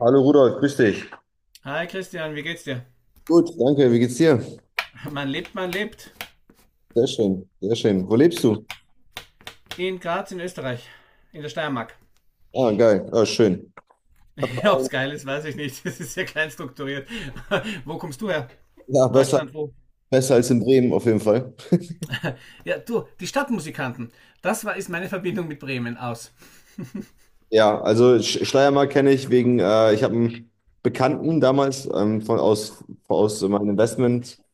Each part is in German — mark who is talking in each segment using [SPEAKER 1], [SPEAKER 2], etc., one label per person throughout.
[SPEAKER 1] Hallo Rudolf, grüß dich.
[SPEAKER 2] Hi Christian, wie geht's dir?
[SPEAKER 1] Gut, danke. Wie geht's dir?
[SPEAKER 2] Man lebt, man lebt.
[SPEAKER 1] Sehr schön, sehr schön. Wo lebst du?
[SPEAKER 2] In Graz in Österreich, in der Steiermark.
[SPEAKER 1] Ah, geil. Ah, schön. Hab
[SPEAKER 2] Ja,
[SPEAKER 1] ein-
[SPEAKER 2] ob's geil ist, weiß ich nicht. Das ist sehr klein strukturiert. Wo kommst du her?
[SPEAKER 1] Ja, besser,
[SPEAKER 2] Deutschland, wo?
[SPEAKER 1] besser als in Bremen auf jeden Fall.
[SPEAKER 2] Ja, du, die Stadtmusikanten. Das war, ist meine Verbindung mit Bremen aus.
[SPEAKER 1] Ja, also Schleiermark kenne ich wegen, ich habe einen Bekannten damals, aus meinen Investment-Geschichten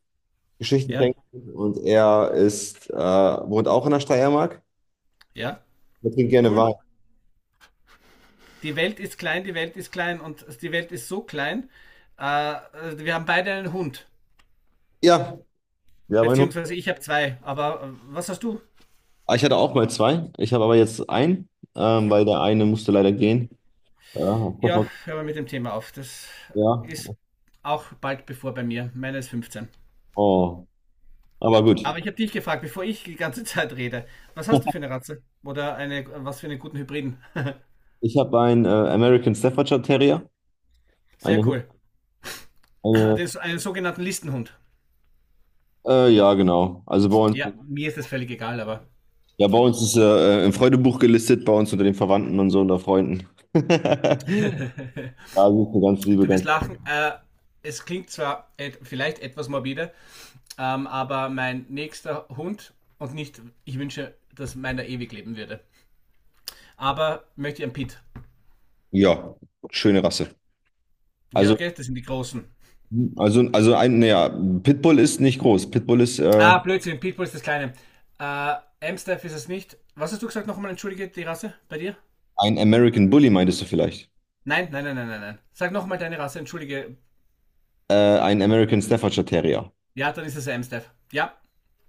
[SPEAKER 2] Ja,
[SPEAKER 1] kennengelernt und wohnt auch in der Schleiermark.
[SPEAKER 2] ja,
[SPEAKER 1] Er trinkt gerne
[SPEAKER 2] cool.
[SPEAKER 1] Wein.
[SPEAKER 2] Die Welt ist klein, die Welt ist klein und die Welt ist so klein. Äh, Wir haben beide einen Hund.
[SPEAKER 1] Ja, ja, mein Hund.
[SPEAKER 2] Beziehungsweise ich habe zwei. Aber was hast du?
[SPEAKER 1] Ah, ich hatte auch mal zwei. Ich habe aber jetzt einen, weil der eine musste leider gehen. Ja,
[SPEAKER 2] Ja, hören wir mit dem Thema auf. Das
[SPEAKER 1] ja.
[SPEAKER 2] ist auch bald bevor bei mir. Meine ist 15.
[SPEAKER 1] Oh. Aber
[SPEAKER 2] Aber
[SPEAKER 1] gut.
[SPEAKER 2] ich habe dich gefragt, bevor ich die ganze Zeit rede, was hast du für eine Ratze? Oder eine, was für einen guten Hybriden?
[SPEAKER 1] Ich habe einen American Staffordshire Terrier.
[SPEAKER 2] Sehr
[SPEAKER 1] Eine,
[SPEAKER 2] cool.
[SPEAKER 1] eine,
[SPEAKER 2] Den, einen sogenannten Listenhund.
[SPEAKER 1] ja, genau. Also bei uns,
[SPEAKER 2] Ja, mir ist das völlig egal, aber
[SPEAKER 1] ja, bei uns ist er im Freudebuch gelistet, bei uns unter den Verwandten und so unter Freunden.
[SPEAKER 2] du
[SPEAKER 1] Ja, sie ist eine ganz liebe,
[SPEAKER 2] wirst
[SPEAKER 1] ganz.
[SPEAKER 2] lachen. Es klingt zwar et vielleicht etwas morbide, aber mein nächster Hund und nicht, ich wünsche, dass meiner ewig leben würde. Aber möchte ich einen Pit.
[SPEAKER 1] Ja, schöne Rasse.
[SPEAKER 2] Ja,
[SPEAKER 1] Also,
[SPEAKER 2] gell, das sind die Großen.
[SPEAKER 1] also ein, naja, Pitbull ist nicht groß. Pitbull ist
[SPEAKER 2] Ah, Blödsinn, Pitbull ist das Kleine. Amstaff ist es nicht. Was hast du gesagt nochmal? Entschuldige, die Rasse bei dir?
[SPEAKER 1] ein American Bully, meintest du vielleicht?
[SPEAKER 2] Nein, nein, nein, nein, nein, nein. Sag nochmal deine Rasse, entschuldige.
[SPEAKER 1] Äh, ein American Staffordshire Terrier.
[SPEAKER 2] Ja, dann ist es Amstaff. Ja,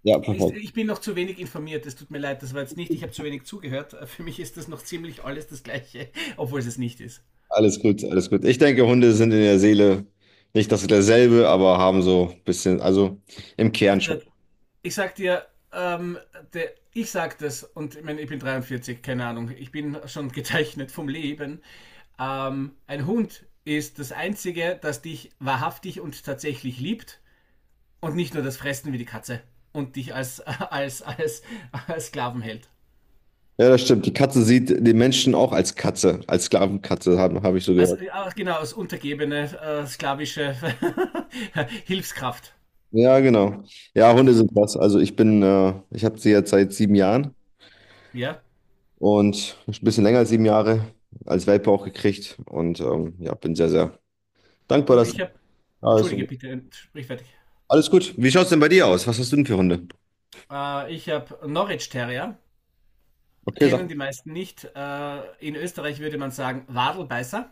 [SPEAKER 1] Ja,
[SPEAKER 2] ich,
[SPEAKER 1] perfekt.
[SPEAKER 2] ich bin noch zu wenig informiert. Es tut mir leid, das war jetzt nicht. Ich habe zu wenig zugehört. Für mich ist das noch ziemlich alles das Gleiche, obwohl es nicht ist.
[SPEAKER 1] Alles gut, alles gut. Ich denke, Hunde sind in der Seele nicht das derselbe, aber haben so ein bisschen, also im Kern schon.
[SPEAKER 2] da- Ich sag dir, ähm, der, ich sag das und ich, mein, ich bin 43, keine Ahnung, ich bin schon gezeichnet vom Leben. Ein Hund ist das Einzige, das dich wahrhaftig und tatsächlich liebt und nicht nur das Fressen wie die Katze und dich als, als Sklaven hält.
[SPEAKER 1] Ja, das stimmt. Die Katze sieht den Menschen auch als Katze, als Sklavenkatze, hab ich so
[SPEAKER 2] Als,
[SPEAKER 1] gehört.
[SPEAKER 2] genau, als untergebene, sklavische Hilfskraft.
[SPEAKER 1] Ja, genau. Ja, Hunde sind was. Also ich habe sie jetzt seit sieben Jahren
[SPEAKER 2] Ja?
[SPEAKER 1] und ein bisschen länger als sieben Jahre als Welpe auch gekriegt und, ja, bin sehr, sehr dankbar,
[SPEAKER 2] Du,
[SPEAKER 1] dass
[SPEAKER 2] ich habe.
[SPEAKER 1] alles so
[SPEAKER 2] Entschuldige
[SPEAKER 1] gut.
[SPEAKER 2] bitte, sprich fertig.
[SPEAKER 1] Alles gut. Wie schaut's denn bei dir aus? Was hast du denn für Hunde?
[SPEAKER 2] Ich habe Norwich Terrier,
[SPEAKER 1] Okay,
[SPEAKER 2] kennen
[SPEAKER 1] sag.
[SPEAKER 2] die meisten nicht. In Österreich würde man sagen Wadelbeißer.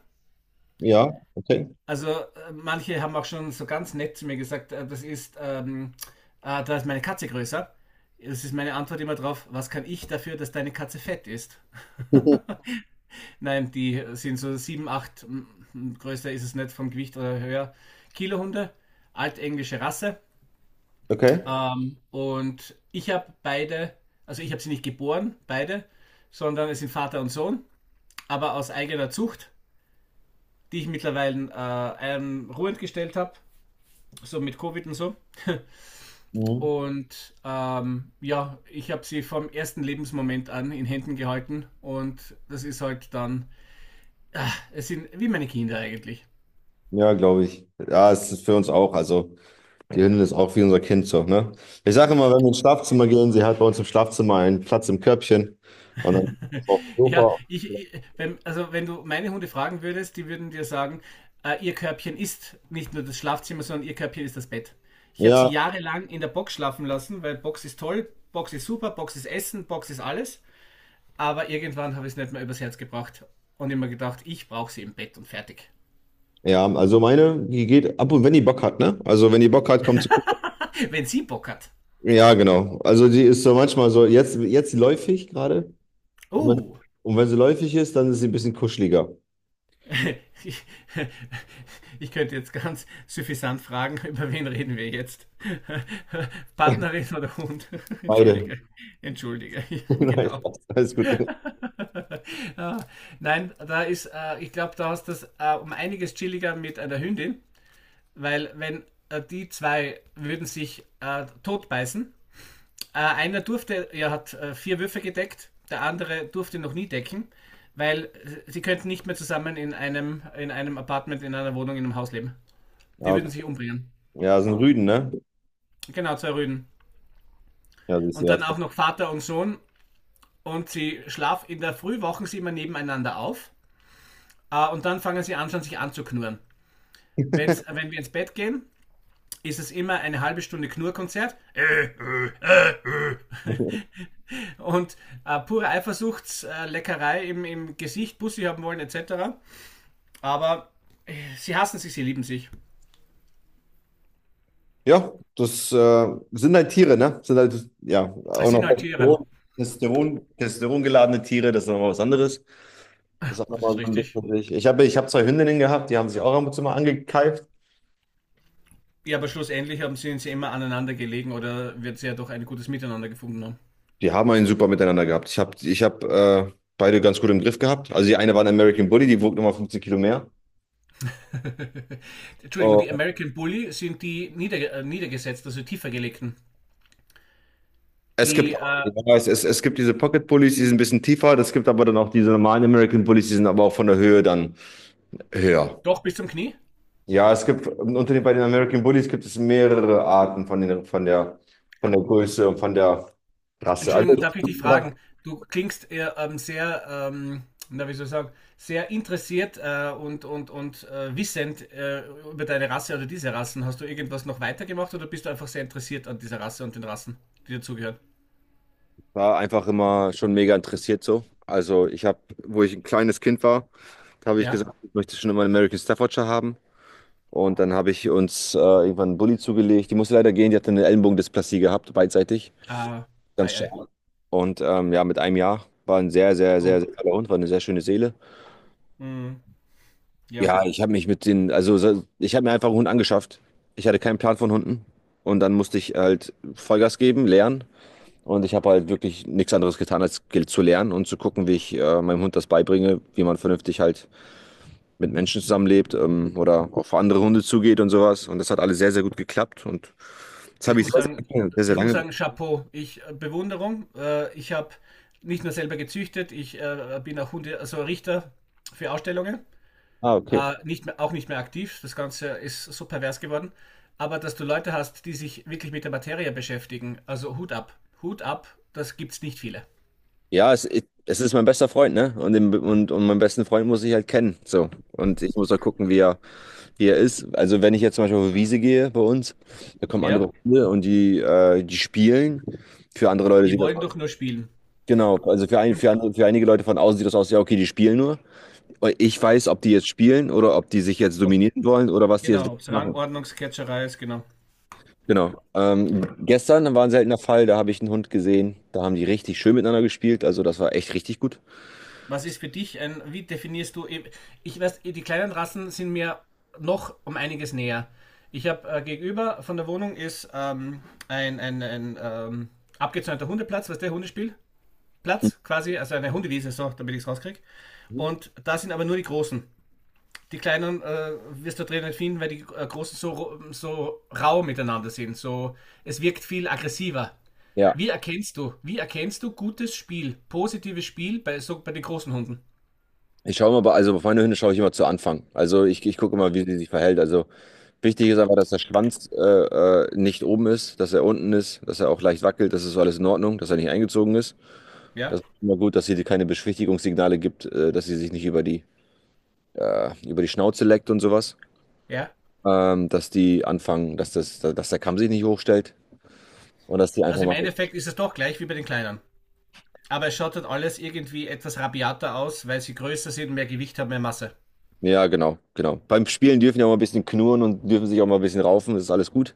[SPEAKER 1] Ja, okay.
[SPEAKER 2] Also manche haben auch schon so ganz nett zu mir gesagt, das ist, da ist meine Katze größer. Das ist meine Antwort immer drauf, was kann ich dafür, dass deine Katze fett ist? Nein, die sind so 7 8 größer ist es nicht vom Gewicht oder höher. Kilohunde, altenglische Rasse.
[SPEAKER 1] Okay.
[SPEAKER 2] Und ich habe beide, also ich habe sie nicht geboren, beide, sondern es sind Vater und Sohn, aber aus eigener Zucht, die ich mittlerweile ruhend gestellt habe, so mit Covid und so.
[SPEAKER 1] Mhm.
[SPEAKER 2] Und ja, ich habe sie vom ersten Lebensmoment an in Händen gehalten und das ist halt dann, es sind wie meine Kinder eigentlich.
[SPEAKER 1] Ja, glaube ich. Ja, es ist für uns auch. Also, die Hündin ist auch wie unser Kind so, ne? Ich sage immer, wenn wir ins Schlafzimmer gehen, sie hat bei uns im Schlafzimmer einen Platz im Körbchen und dann auf dem
[SPEAKER 2] Ja,
[SPEAKER 1] Sofa.
[SPEAKER 2] ich wenn, also wenn du meine Hunde fragen würdest, die würden dir sagen, ihr Körbchen ist nicht nur das Schlafzimmer, sondern ihr Körbchen ist das Bett. Ich habe sie
[SPEAKER 1] Ja,
[SPEAKER 2] jahrelang in der Box schlafen lassen, weil Box ist toll, Box ist super, Box ist Essen, Box ist alles. Aber irgendwann habe ich es nicht mehr übers Herz gebracht und immer gedacht, ich brauche sie im Bett und fertig.
[SPEAKER 1] ja, also meine, die geht ab und wenn die Bock hat, ne? Also, wenn die Bock hat, kommt sie.
[SPEAKER 2] Wenn sie Bock hat.
[SPEAKER 1] Ja, genau. Also, die ist so manchmal so, jetzt, jetzt läufig gerade. Und wenn,
[SPEAKER 2] Oh,
[SPEAKER 1] und wenn sie läufig ist, dann ist sie ein bisschen kuscheliger.
[SPEAKER 2] ich, ich könnte jetzt ganz suffisant fragen, über wen reden wir jetzt? Partnerin oder Hund?
[SPEAKER 1] Beide.
[SPEAKER 2] Entschuldige, entschuldige, ja,
[SPEAKER 1] Nein,
[SPEAKER 2] genau.
[SPEAKER 1] Spaß, alles gut.
[SPEAKER 2] Ah, nein, da ist, ich glaube, da hast du es um einiges chilliger mit einer Hündin, weil wenn die zwei würden sich totbeißen. Einer durfte, er hat vier Würfe gedeckt, der andere durfte noch nie decken, weil sie könnten nicht mehr zusammen in einem Apartment, in einer Wohnung, in einem Haus leben. Die
[SPEAKER 1] Ja,
[SPEAKER 2] würden
[SPEAKER 1] okay.
[SPEAKER 2] sich umbringen.
[SPEAKER 1] Ja, sind Rüden, ne?
[SPEAKER 2] Genau, zwei Rüden.
[SPEAKER 1] Ja, siehst du,
[SPEAKER 2] Und
[SPEAKER 1] ja.
[SPEAKER 2] dann auch noch Vater und Sohn. Und sie schlafen in der Früh, wachen sie immer nebeneinander auf. Und dann fangen sie an, schon sich anzuknurren. Wenn wir ins Bett gehen, ist es immer eine halbe Stunde Knurrkonzert und pure Eifersuchtsleckerei im Gesicht, Bussi haben wollen etc. Aber sie hassen sich, sie lieben sich.
[SPEAKER 1] Ja, das sind halt Tiere, ne? Sind halt, ja, auch
[SPEAKER 2] Es sind
[SPEAKER 1] noch
[SPEAKER 2] halt Tiere.
[SPEAKER 1] Testosterongeladene Tiere, das ist nochmal was anderes. Das ist auch
[SPEAKER 2] Das
[SPEAKER 1] nochmal
[SPEAKER 2] ist
[SPEAKER 1] so ein Ding
[SPEAKER 2] richtig.
[SPEAKER 1] für natürlich. Ich habe zwei Hündinnen gehabt, die haben sich auch ab und zu mal angekeift.
[SPEAKER 2] Ja, aber schlussendlich haben sie sie immer aneinander gelegen oder wird sie ja doch ein gutes Miteinander gefunden haben.
[SPEAKER 1] Die haben einen super miteinander gehabt. Ich habe beide ganz gut im Griff gehabt. Also die eine war ein American Bully, die wog nochmal 15 Kilo mehr.
[SPEAKER 2] Entschuldigung, die
[SPEAKER 1] Oh,
[SPEAKER 2] American Bully sind die nieder, niedergesetzt, also tiefer gelegten.
[SPEAKER 1] es gibt,
[SPEAKER 2] Die
[SPEAKER 1] ich weiß, es gibt diese Pocket Bullies, die sind ein bisschen tiefer. Es gibt aber dann auch diese normalen American Bullies, die sind aber auch von der Höhe dann höher.
[SPEAKER 2] doch bis zum Knie?
[SPEAKER 1] Ja, es gibt unter den bei den American Bullies gibt es mehrere Arten von der Größe und von der Rasse. Also
[SPEAKER 2] Entschuldigung,
[SPEAKER 1] ich
[SPEAKER 2] darf ich dich fragen? Du klingst sehr, na wie soll ich sagen, sehr interessiert wissend über deine Rasse oder diese Rassen. Hast du irgendwas noch weitergemacht oder bist du einfach sehr interessiert an dieser Rasse und den Rassen, die dazugehören?
[SPEAKER 1] war einfach immer schon mega interessiert so. Also ich habe, wo ich ein kleines Kind war, da habe ich
[SPEAKER 2] Ja,
[SPEAKER 1] gesagt, ich möchte schon immer einen American Staffordshire haben. Und dann habe ich uns irgendwann einen Bulli zugelegt. Die musste leider gehen, die hatte eine Ellenbogendysplasie gehabt, beidseitig,
[SPEAKER 2] ah,
[SPEAKER 1] ganz
[SPEAKER 2] ei, ei.
[SPEAKER 1] stark. Und ja, mit einem Jahr war ein sehr, sehr, sehr,
[SPEAKER 2] Oh,
[SPEAKER 1] sehr toller Hund, war eine sehr schöne Seele.
[SPEAKER 2] mm, ja.
[SPEAKER 1] Ja, ich habe mich mit den, also so- ich habe mir einfach einen Hund angeschafft. Ich hatte keinen Plan von Hunden. Und dann musste ich halt Vollgas geben, lernen. Und ich habe halt wirklich nichts anderes getan, als zu lernen und zu gucken, wie ich meinem Hund das beibringe, wie man vernünftig halt mit Menschen zusammenlebt, oder auf andere Hunde zugeht und sowas. Und das hat alles sehr, sehr gut geklappt. Und das
[SPEAKER 2] Ich
[SPEAKER 1] habe ich
[SPEAKER 2] muss
[SPEAKER 1] sehr, sehr
[SPEAKER 2] sagen,
[SPEAKER 1] lange, sehr, sehr
[SPEAKER 2] ich muss
[SPEAKER 1] lange.
[SPEAKER 2] sagen, Chapeau. Ich Bewunderung. Ich habe nicht nur selber gezüchtet, ich bin auch Hunde, also Richter für Ausstellungen.
[SPEAKER 1] Ah, okay.
[SPEAKER 2] Nicht mehr, auch nicht mehr aktiv. Das Ganze ist so pervers geworden. Aber dass du Leute hast, die sich wirklich mit der Materie beschäftigen, also Hut ab. Hut ab, das gibt's nicht viele.
[SPEAKER 1] Ja, es ist mein bester Freund, ne? Und meinen besten Freund muss ich halt kennen. So. Und ich muss halt gucken, wie er hier ist, also wenn ich jetzt zum Beispiel auf die Wiese gehe bei uns, da kommen
[SPEAKER 2] Ja,
[SPEAKER 1] andere Hunde und die spielen. Für andere Leute
[SPEAKER 2] die
[SPEAKER 1] sieht das
[SPEAKER 2] wollen
[SPEAKER 1] aus.
[SPEAKER 2] doch nur spielen.
[SPEAKER 1] Genau, also für einige Leute von außen sieht das aus, ja, okay, die spielen nur. Aber ich weiß, ob die jetzt spielen oder ob die sich jetzt
[SPEAKER 2] Ob,
[SPEAKER 1] dominieren wollen oder was die jetzt
[SPEAKER 2] genau,
[SPEAKER 1] wirklich
[SPEAKER 2] ob es
[SPEAKER 1] machen.
[SPEAKER 2] Rangordnungsketzerei ist, genau.
[SPEAKER 1] Genau. Gestern war ein seltener Fall, da habe ich einen Hund gesehen, da haben die richtig schön miteinander gespielt, also das war echt richtig gut.
[SPEAKER 2] Was ist für dich ein, wie definierst du, ich weiß, die kleinen Rassen sind mir noch um einiges näher. Ich habe gegenüber von der Wohnung ist ein abgezäunter Hundeplatz, was der Hundespielplatz quasi, also eine Hundewiese, so, damit ich es rauskriege.
[SPEAKER 1] Mhm.
[SPEAKER 2] Und da sind aber nur die Großen. Die Kleinen wirst du drin nicht finden, weil die Großen so, so rau miteinander sind. So, es wirkt viel aggressiver.
[SPEAKER 1] Ja,
[SPEAKER 2] Wie erkennst du gutes Spiel, positives Spiel bei, so, bei den großen Hunden?
[SPEAKER 1] ich schaue immer, also auf meine Hunde schaue ich immer zu Anfang. Also ich gucke immer, wie sie sich verhält. Also wichtig ist aber, dass der Schwanz nicht oben ist, dass er unten ist, dass er auch leicht wackelt, das ist alles in Ordnung, dass er nicht eingezogen ist.
[SPEAKER 2] Ja?
[SPEAKER 1] Das ist immer gut, dass sie dir keine Beschwichtigungssignale gibt, dass sie sich nicht über die Schnauze leckt und sowas.
[SPEAKER 2] Ja.
[SPEAKER 1] Dass die anfangen, dass der Kamm sich nicht hochstellt und dass die einfach
[SPEAKER 2] Also im
[SPEAKER 1] mal.
[SPEAKER 2] Endeffekt ist es doch gleich wie bei den Kleinern. Aber es schaut halt alles irgendwie etwas rabiater aus, weil sie größer sind, mehr Gewicht haben, mehr Masse.
[SPEAKER 1] Ja, genau, genau. Beim Spielen dürfen die auch mal ein bisschen knurren und dürfen sich auch mal ein bisschen raufen, das ist alles gut.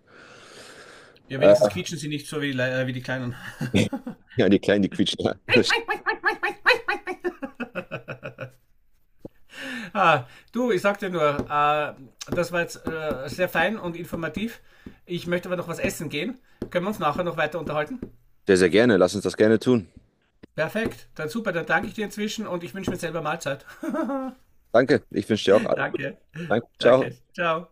[SPEAKER 2] Ja,
[SPEAKER 1] Äh,
[SPEAKER 2] wenigstens quietschen sie nicht so wie, wie die Kleinen.
[SPEAKER 1] ja, die Kleinen, die quietschen. Ja.
[SPEAKER 2] Ah, du, ich sag dir nur, das war jetzt sehr fein und informativ. Ich möchte aber noch was essen gehen. Können wir uns nachher noch weiter unterhalten?
[SPEAKER 1] Sehr, sehr gerne, lass uns das gerne tun.
[SPEAKER 2] Perfekt, dann super, dann danke ich dir inzwischen und ich wünsche mir selber Mahlzeit.
[SPEAKER 1] Danke, ich wünsche dir auch alles.
[SPEAKER 2] Danke,
[SPEAKER 1] Danke,
[SPEAKER 2] danke.
[SPEAKER 1] ciao.
[SPEAKER 2] Ciao.